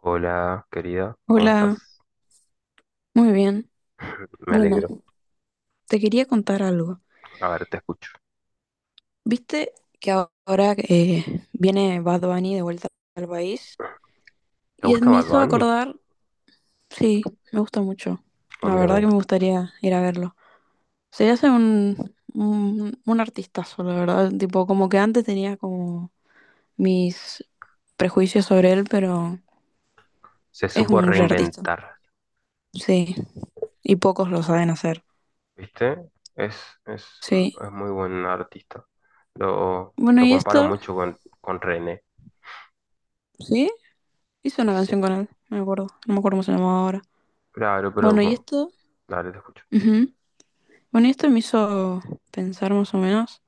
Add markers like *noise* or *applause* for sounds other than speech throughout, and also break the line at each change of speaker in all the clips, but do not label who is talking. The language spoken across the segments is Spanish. Hola, querida, ¿cómo
Hola,
estás?
muy bien.
Me
Bueno,
alegro.
te quería contar algo.
A ver, te escucho.
¿Viste que ahora viene Bad Bunny de vuelta al país?
¿Te
Y él
gusta
me
Bad
hizo
Bunny?
acordar, sí, me gusta mucho.
A
La
mí
verdad
también.
que me gustaría ir a verlo. Se hace un artistazo, la verdad. Tipo, como que antes tenía como mis prejuicios sobre él, pero
Se
es
supo
un gran artista.
reinventar,
Sí, y pocos lo saben hacer.
¿viste? Es, es, un-
Sí.
es muy buen artista. Lo,
Bueno,
lo
y
comparo
esto,
mucho con René.
sí. Hizo
Y
una
sí,
canción con él, no me acuerdo. No me acuerdo cómo se llamaba ahora.
claro, pero
Bueno, y
bueno,
esto.
dale, te escucho.
Ujú. Bueno, y esto me hizo pensar más o menos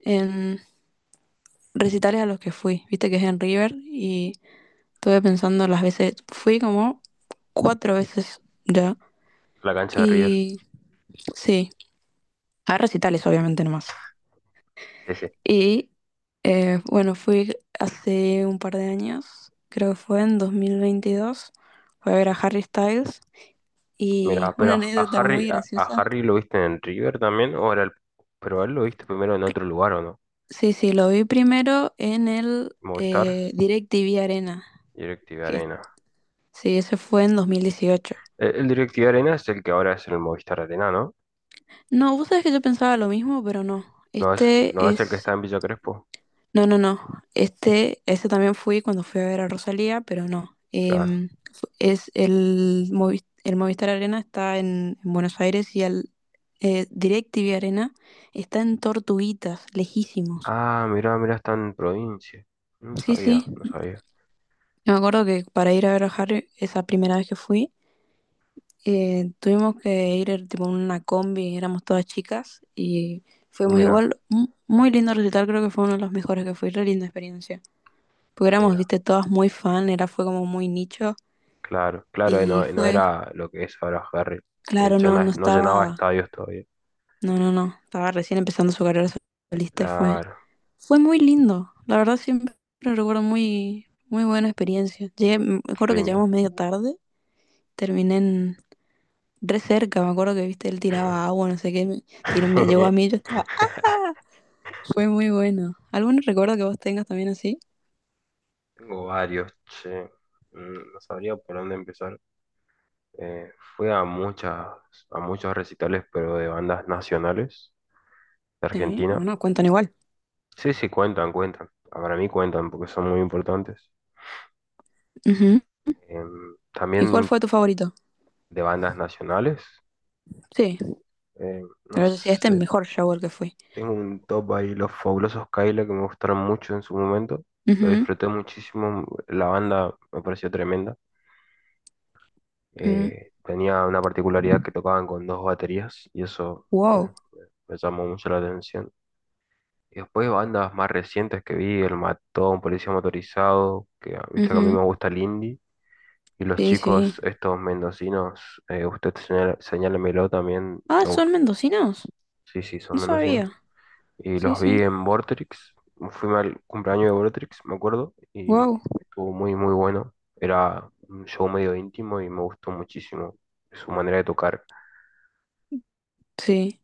en recitales a los que fui. Viste que es en River y estuve pensando las veces. Fui como cuatro veces ya.
La cancha de River.
Y sí, a recitales, obviamente, nomás.
Sí, sí.
Y bueno, fui hace un par de años, creo que fue en 2022. Fui a ver a Harry Styles. Y
Mira,
una
pero a
anécdota
Harry,
muy
a
graciosa.
Harry lo viste en River también, pero a él lo viste primero en otro lugar, ¿o no?
Sí, sí, lo vi primero en el
Movistar,
DirecTV Arena,
Directv
que
Arena.
sí, ese fue en 2018.
El Directiva Arena es el que ahora es el Movistar Arena, ¿no?
No, vos sabés que yo pensaba lo mismo, pero no.
No es,
Este
no es el que está
es.
en Villa Crespo,
No, no, no. Ese también fui cuando fui a ver a Rosalía, pero no.
claro.
Es el Movistar Arena está en Buenos Aires y el DirecTV Arena está en Tortuguitas, lejísimos.
Ah, mira, mira, está en provincia. No
Sí,
sabía,
sí.
no sabía.
Me acuerdo que para ir a ver a Harry, esa primera vez que fui, tuvimos que ir tipo en una combi, éramos todas chicas y fuimos
Mira,
igual, un muy lindo recital, creo que fue uno de los mejores que fue, re linda experiencia. Porque éramos,
mira,
viste, todas muy fan, era fue como muy nicho
claro, claro,
y
no, no
fue,
era lo que es ahora Ferry,
claro, no, no
no llenaba
estaba,
estadios todavía.
no, no, no, estaba recién empezando su carrera solista y fue,
Claro,
fue muy lindo. La verdad siempre recuerdo muy, muy buena experiencia. Llegué, me
qué
acuerdo que
lindo.
llegamos medio tarde, terminé en, re cerca, me acuerdo que, viste, él tiraba agua, no sé qué, me llegó a mí, yo
*laughs*
estaba. Fue muy bueno. ¿Algún recuerdo que vos tengas también así?
Tengo varios, che. No sabría por dónde empezar. Eh, fui a muchas, a muchos recitales, pero de bandas nacionales de
Sí,
Argentina.
bueno, cuentan igual.
Sí, sí, cuentan, cuentan. Para mí cuentan porque son muy importantes.
Ujú.
Em,
¿Y cuál
también
fue tu favorito?
de bandas nacionales.
Sí,
No
pero yo sí, este es el
sé,
mejor shower que fui.
tengo un top ahí, Los Fabulosos Kaila, que me gustaron mucho en su momento. Lo
Ujú,
disfruté muchísimo, la banda me pareció tremenda.
ujú.
Tenía una particularidad que tocaban con dos baterías y eso eh,
Wow.
me llamó mucho la atención. Y después bandas más recientes que vi, El Matón, Policía Motorizado, que ah, viste que a mí
Ujú.
me gusta el indie. Y los
Sí, sí.
chicos, estos mendocinos, señálemelo también,
Ah, ¿son mendocinos?
sí, sí,
No
son mendocinos.
sabía.
Y
Sí,
los vi
sí.
en Vortrix. Fui al cumpleaños de Vortrix, me acuerdo, y
Wow.
estuvo muy, muy bueno. Era un show medio íntimo y me gustó muchísimo su manera de tocar.
Sí.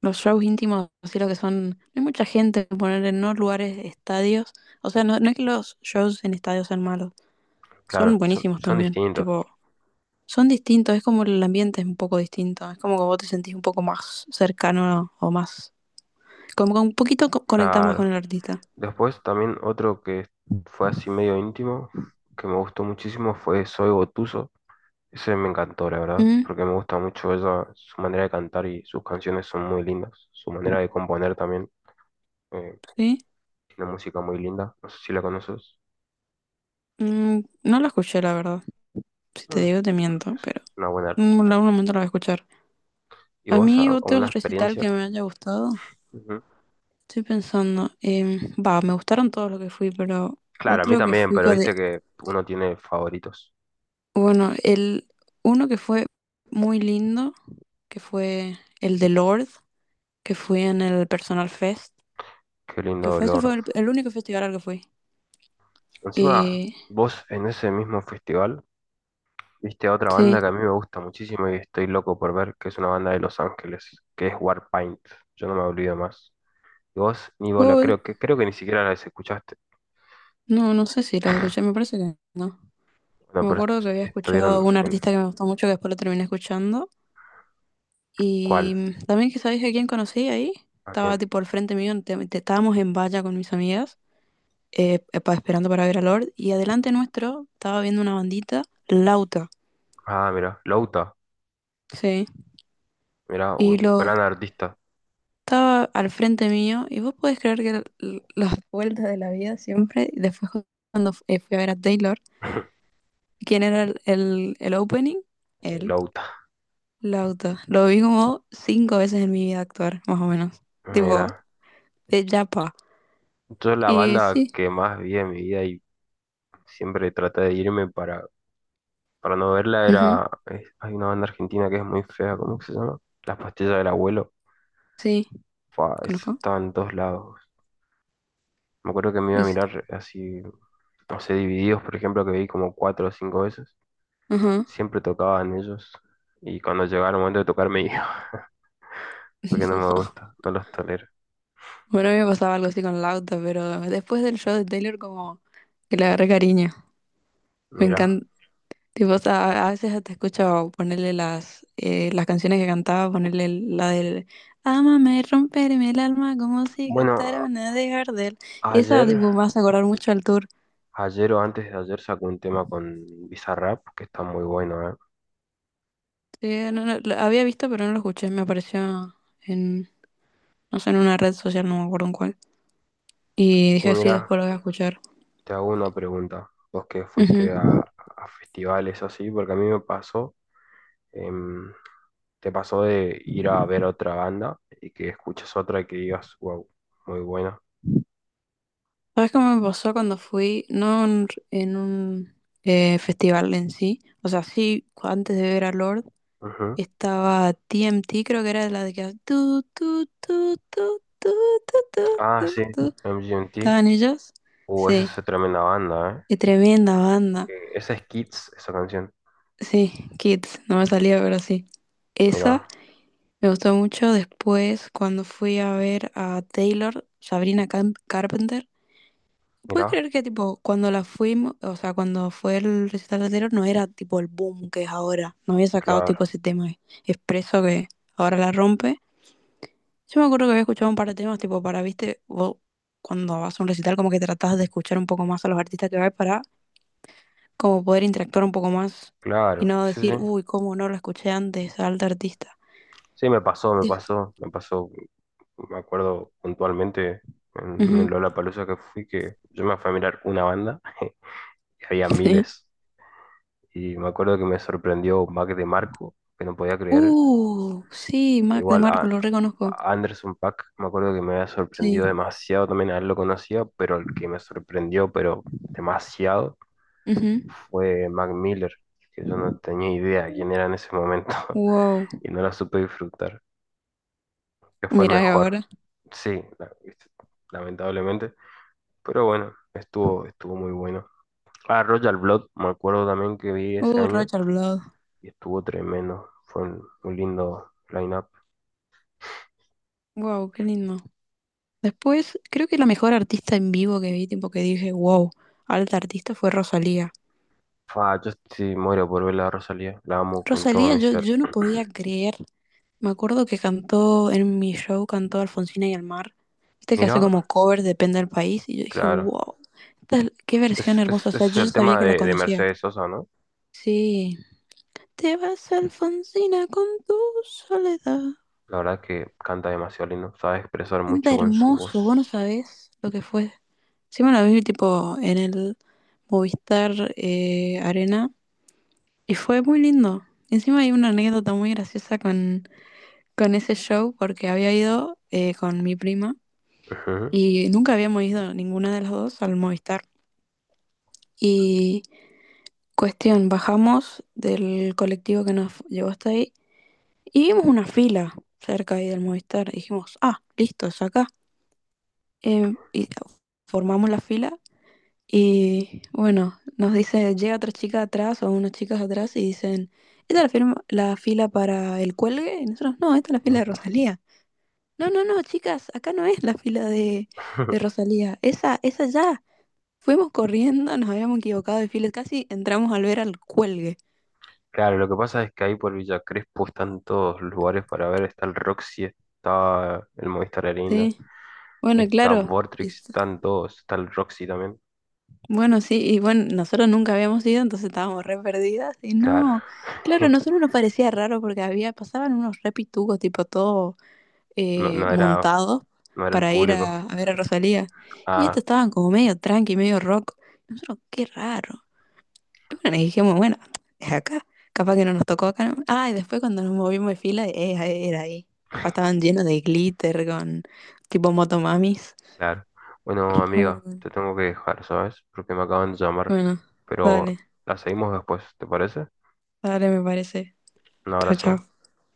Los shows íntimos, así lo que son. No hay mucha gente, poner en no lugares, estadios. O sea, no, no es que los shows en estadios sean malos. Son
Claro, son,
buenísimos
son
también.
distintos.
Tipo, son distintos, es como el ambiente es un poco distinto, es como que vos te sentís un poco más cercano o más, como que un poquito conectás más con
Claro.
el artista.
Después también otro que fue así medio íntimo, que me gustó muchísimo, fue Soy Gotuso. Ese me encantó, la verdad,
Mm,
porque me gusta mucho ella, su manera de cantar y sus canciones son muy lindas. Su manera de componer también. Eh,
¿sí?
Tiene música muy linda, no sé si la conoces.
Mm, no lo escuché, la verdad. Si te
Mm,
digo, te miento, pero
Es una buena
en
artista.
algún momento lo voy a escuchar.
¿Y
A
vos,
mí otro
alguna
recital
experiencia?
que me haya gustado,
Ujú.
estoy pensando, va, me gustaron todos los que fui, pero
Claro, a mí
otro que
también,
fui
pero
de,
viste que uno tiene favoritos.
bueno, el uno que fue muy lindo, que fue el de Lord, que fui en el Personal Fest.
Qué
Que
lindo
fue, ese
Lord.
fue el único festival al que fui.
Encima,
Y
vos en ese mismo festival viste a otra
sí,
banda que a mí me gusta muchísimo y estoy loco por ver, que es una banda de Los Ángeles, que es Warpaint. Yo no me olvido más. Y vos, ni bola,
Google,
creo que ni siquiera las escuchaste.
no, no sé si los escuché, me parece que no.
Bueno,
Me
pero
acuerdo que había escuchado
estuvieron
un
en...
artista que me gustó mucho, que después lo terminé escuchando. Y
¿Cuál?
también que sabéis a quién conocí ahí.
¿A
Estaba
quién?
tipo al frente mío, estábamos en valla con mis amigas, esperando para ver a Lord. Y adelante nuestro estaba viendo una bandita, Lauta.
Ah, mira, Louta.
Sí.
Mira,
Y lo
gran artista,
estaba al frente mío. Y vos podés creer que las vueltas de la vida siempre. Y después cuando fui a ver a Taylor,
*laughs*
¿quién era el opening? Él,
Louta.
Lauta. Lo vi como cinco veces en mi vida actuar, más o menos. Tipo,
Mira,
de Yapa.
yo la
Y
banda
sí,
que más vi en mi vida y siempre traté de irme para no verla
ujú,
era, hay una banda argentina que es muy fea, ¿cómo que se llama? Las pastillas del abuelo.
sí,
Fua, eso
conozco.
estaba en todos lados. Me acuerdo que me iba a
Y sí,
mirar así, no sé, Divididos, por ejemplo, que vi como cuatro o cinco veces.
ajá.
Siempre tocaban ellos y cuando llegaba el momento de tocar me iba, *laughs* porque
*laughs*
no
No.
me gusta, no los tolero.
Bueno, a mí me pasaba algo así con Lauta, pero después del show de Taylor como que le agarré cariño. Me
Mira,
encanta, tipo, o sea, a veces hasta escucho ponerle las canciones que cantaba, ponerle la del Ámame, romperme el alma como si
bueno,
cantara una de Gardel. Esa,
ayer...
tipo, me hace acordar mucho al tour.
Ayer o antes de ayer sacó un tema con Bizarrap que está muy bueno, ¿eh?
Sí, no, no, lo había visto, pero no lo escuché. Me apareció en, no sé, en una red social, no me acuerdo en cuál. Y
Y
dije, sí,
mira,
después lo voy a escuchar.
te hago una pregunta. Vos que fuiste
Ujú.
a festivales así, porque a mí me pasó, em, te pasó de ir a ver otra banda y que escuches otra y que digas, wow, muy buena.
¿Sabes cómo me pasó cuando fui? No en un festival en sí. O sea, sí, antes de ver a Lord.
Ujú.
Estaba TMT creo que era la de que. Tu, tu, tu, tu, tu, tu, tu,
Ah,
tu,
sí,
tu.
MGMT.
¿Estaban ellos?
Esa
Sí,
es tremenda banda, ¿eh?
qué tremenda banda.
Esa es Kids, esa canción.
Sí, Kids, no me salía, pero sí. Esa
Mira,
me gustó mucho después cuando fui a ver a Taylor, Sabrina Carpenter. ¿Puedes
mira,
creer que tipo cuando la fuimos, o sea, cuando fue el recital de Taylor no era tipo el boom que es ahora? No había sacado
claro,
tipo ese tema expreso que ahora la rompe. Yo me acuerdo que había escuchado un par de temas, tipo, para, viste, vos cuando vas a un recital como que tratás de escuchar un poco más a los artistas que vas para como poder interactuar un poco más y
claro,
no
sí, sí.
decir, uy, cómo no lo escuché antes al tal artista.
Sí, me pasó, me
Sí.
pasó, me pasó. Me acuerdo puntualmente en un
Ujú,
Lollapalooza que fui que yo me fui a mirar una banda y había
*laughs* sí.
miles. Y me acuerdo que me sorprendió Mac de Marco, que no podía creer.
Sí, Mac de
Igual
Marco, lo reconozco.
a Anderson Paak, me acuerdo que me había sorprendido
Sí.
demasiado también, a él lo conocía, pero el que me sorprendió, pero demasiado,
Ujú.
fue Mac Miller, que yo no tenía idea quién era en ese momento
Wow.
*laughs* y no la supe disfrutar, que fue el
Mira
mejor.
ahora.
Sí, lamentablemente. Pero bueno, estuvo, estuvo muy bueno. Ah, Royal Blood, me acuerdo también que vi ese año
Rocha al Blado.
y estuvo tremendo. Fue un lindo line-up.
Wow, qué lindo. Después, creo que la mejor artista en vivo que vi, tipo que dije, wow, alta artista fue Rosalía.
Fa, yo sí muero por ver la Rosalía, la amo con todo
Rosalía,
mi
yo,
ser.
yo no podía creer. Me acuerdo que cantó en mi show, cantó Alfonsina y el mar. Viste que hace
Mira,
como covers, depende del país. Y yo dije,
claro.
wow, qué versión hermosa. O
Ese
sea,
es
yo ya
el
sabía
tema
que la
de
conocía.
Mercedes Sosa, ¿no?
Sí. Te vas, Alfonsina, con tu soledad.
La verdad que canta demasiado lindo, sabe expresar mucho
Canta
con su
hermoso, vos no
voz.
sabés lo que fue. Sí, me la vi tipo en el Movistar Arena. Y fue muy lindo. Encima hay una anécdota muy graciosa con ese show porque había ido con mi prima.
Ujú.
Y nunca habíamos ido ninguna de las dos al Movistar. Y cuestión, bajamos del colectivo que nos llevó hasta ahí y vimos una fila cerca ahí del Movistar. Y dijimos, ah, listo, es acá. Y formamos la fila y bueno, nos dice, llega otra chica atrás o unas chicas atrás y dicen, ¿esta es la fila para el cuelgue? Y nosotros, no, esta es la fila de Rosalía. No, no, no, chicas, acá no es la fila de
*laughs*
Rosalía, esa ya. Fuimos corriendo, nos habíamos equivocado de filas, casi entramos al ver al cuelgue.
Claro, lo que pasa es que ahí por Villa Crespo están todos los lugares para ver, está el Roxy, está el Movistar Arena,
Sí, bueno,
está
claro. Y
Vortrix, están todos, está el Roxy también.
bueno, sí, y bueno, nosotros nunca habíamos ido, entonces estábamos re perdidas. Y
Claro.
no, claro,
*laughs*
a nosotros nos parecía raro porque había, pasaban unos re pitugos, tipo todo
No, no era,
montados
no era el
para ir
público.
a ver a Rosalía. Y estos
Ah,
estaban como medio tranqui, medio rock. Nosotros, qué raro. Es una energía muy buena. Es acá. Capaz que no nos tocó acá, ¿no? Ah, y después cuando nos movimos de fila, ahí era ahí. Ah, estaban llenos de glitter con tipo motomamis.
claro. Bueno,
Fue muy
amiga,
bueno.
te tengo que dejar, ¿sabes? Porque me acaban de llamar.
Bueno, dale,
Pero la seguimos después, ¿te parece?
dale, me parece.
Un
Chao,
abrazo.
chao.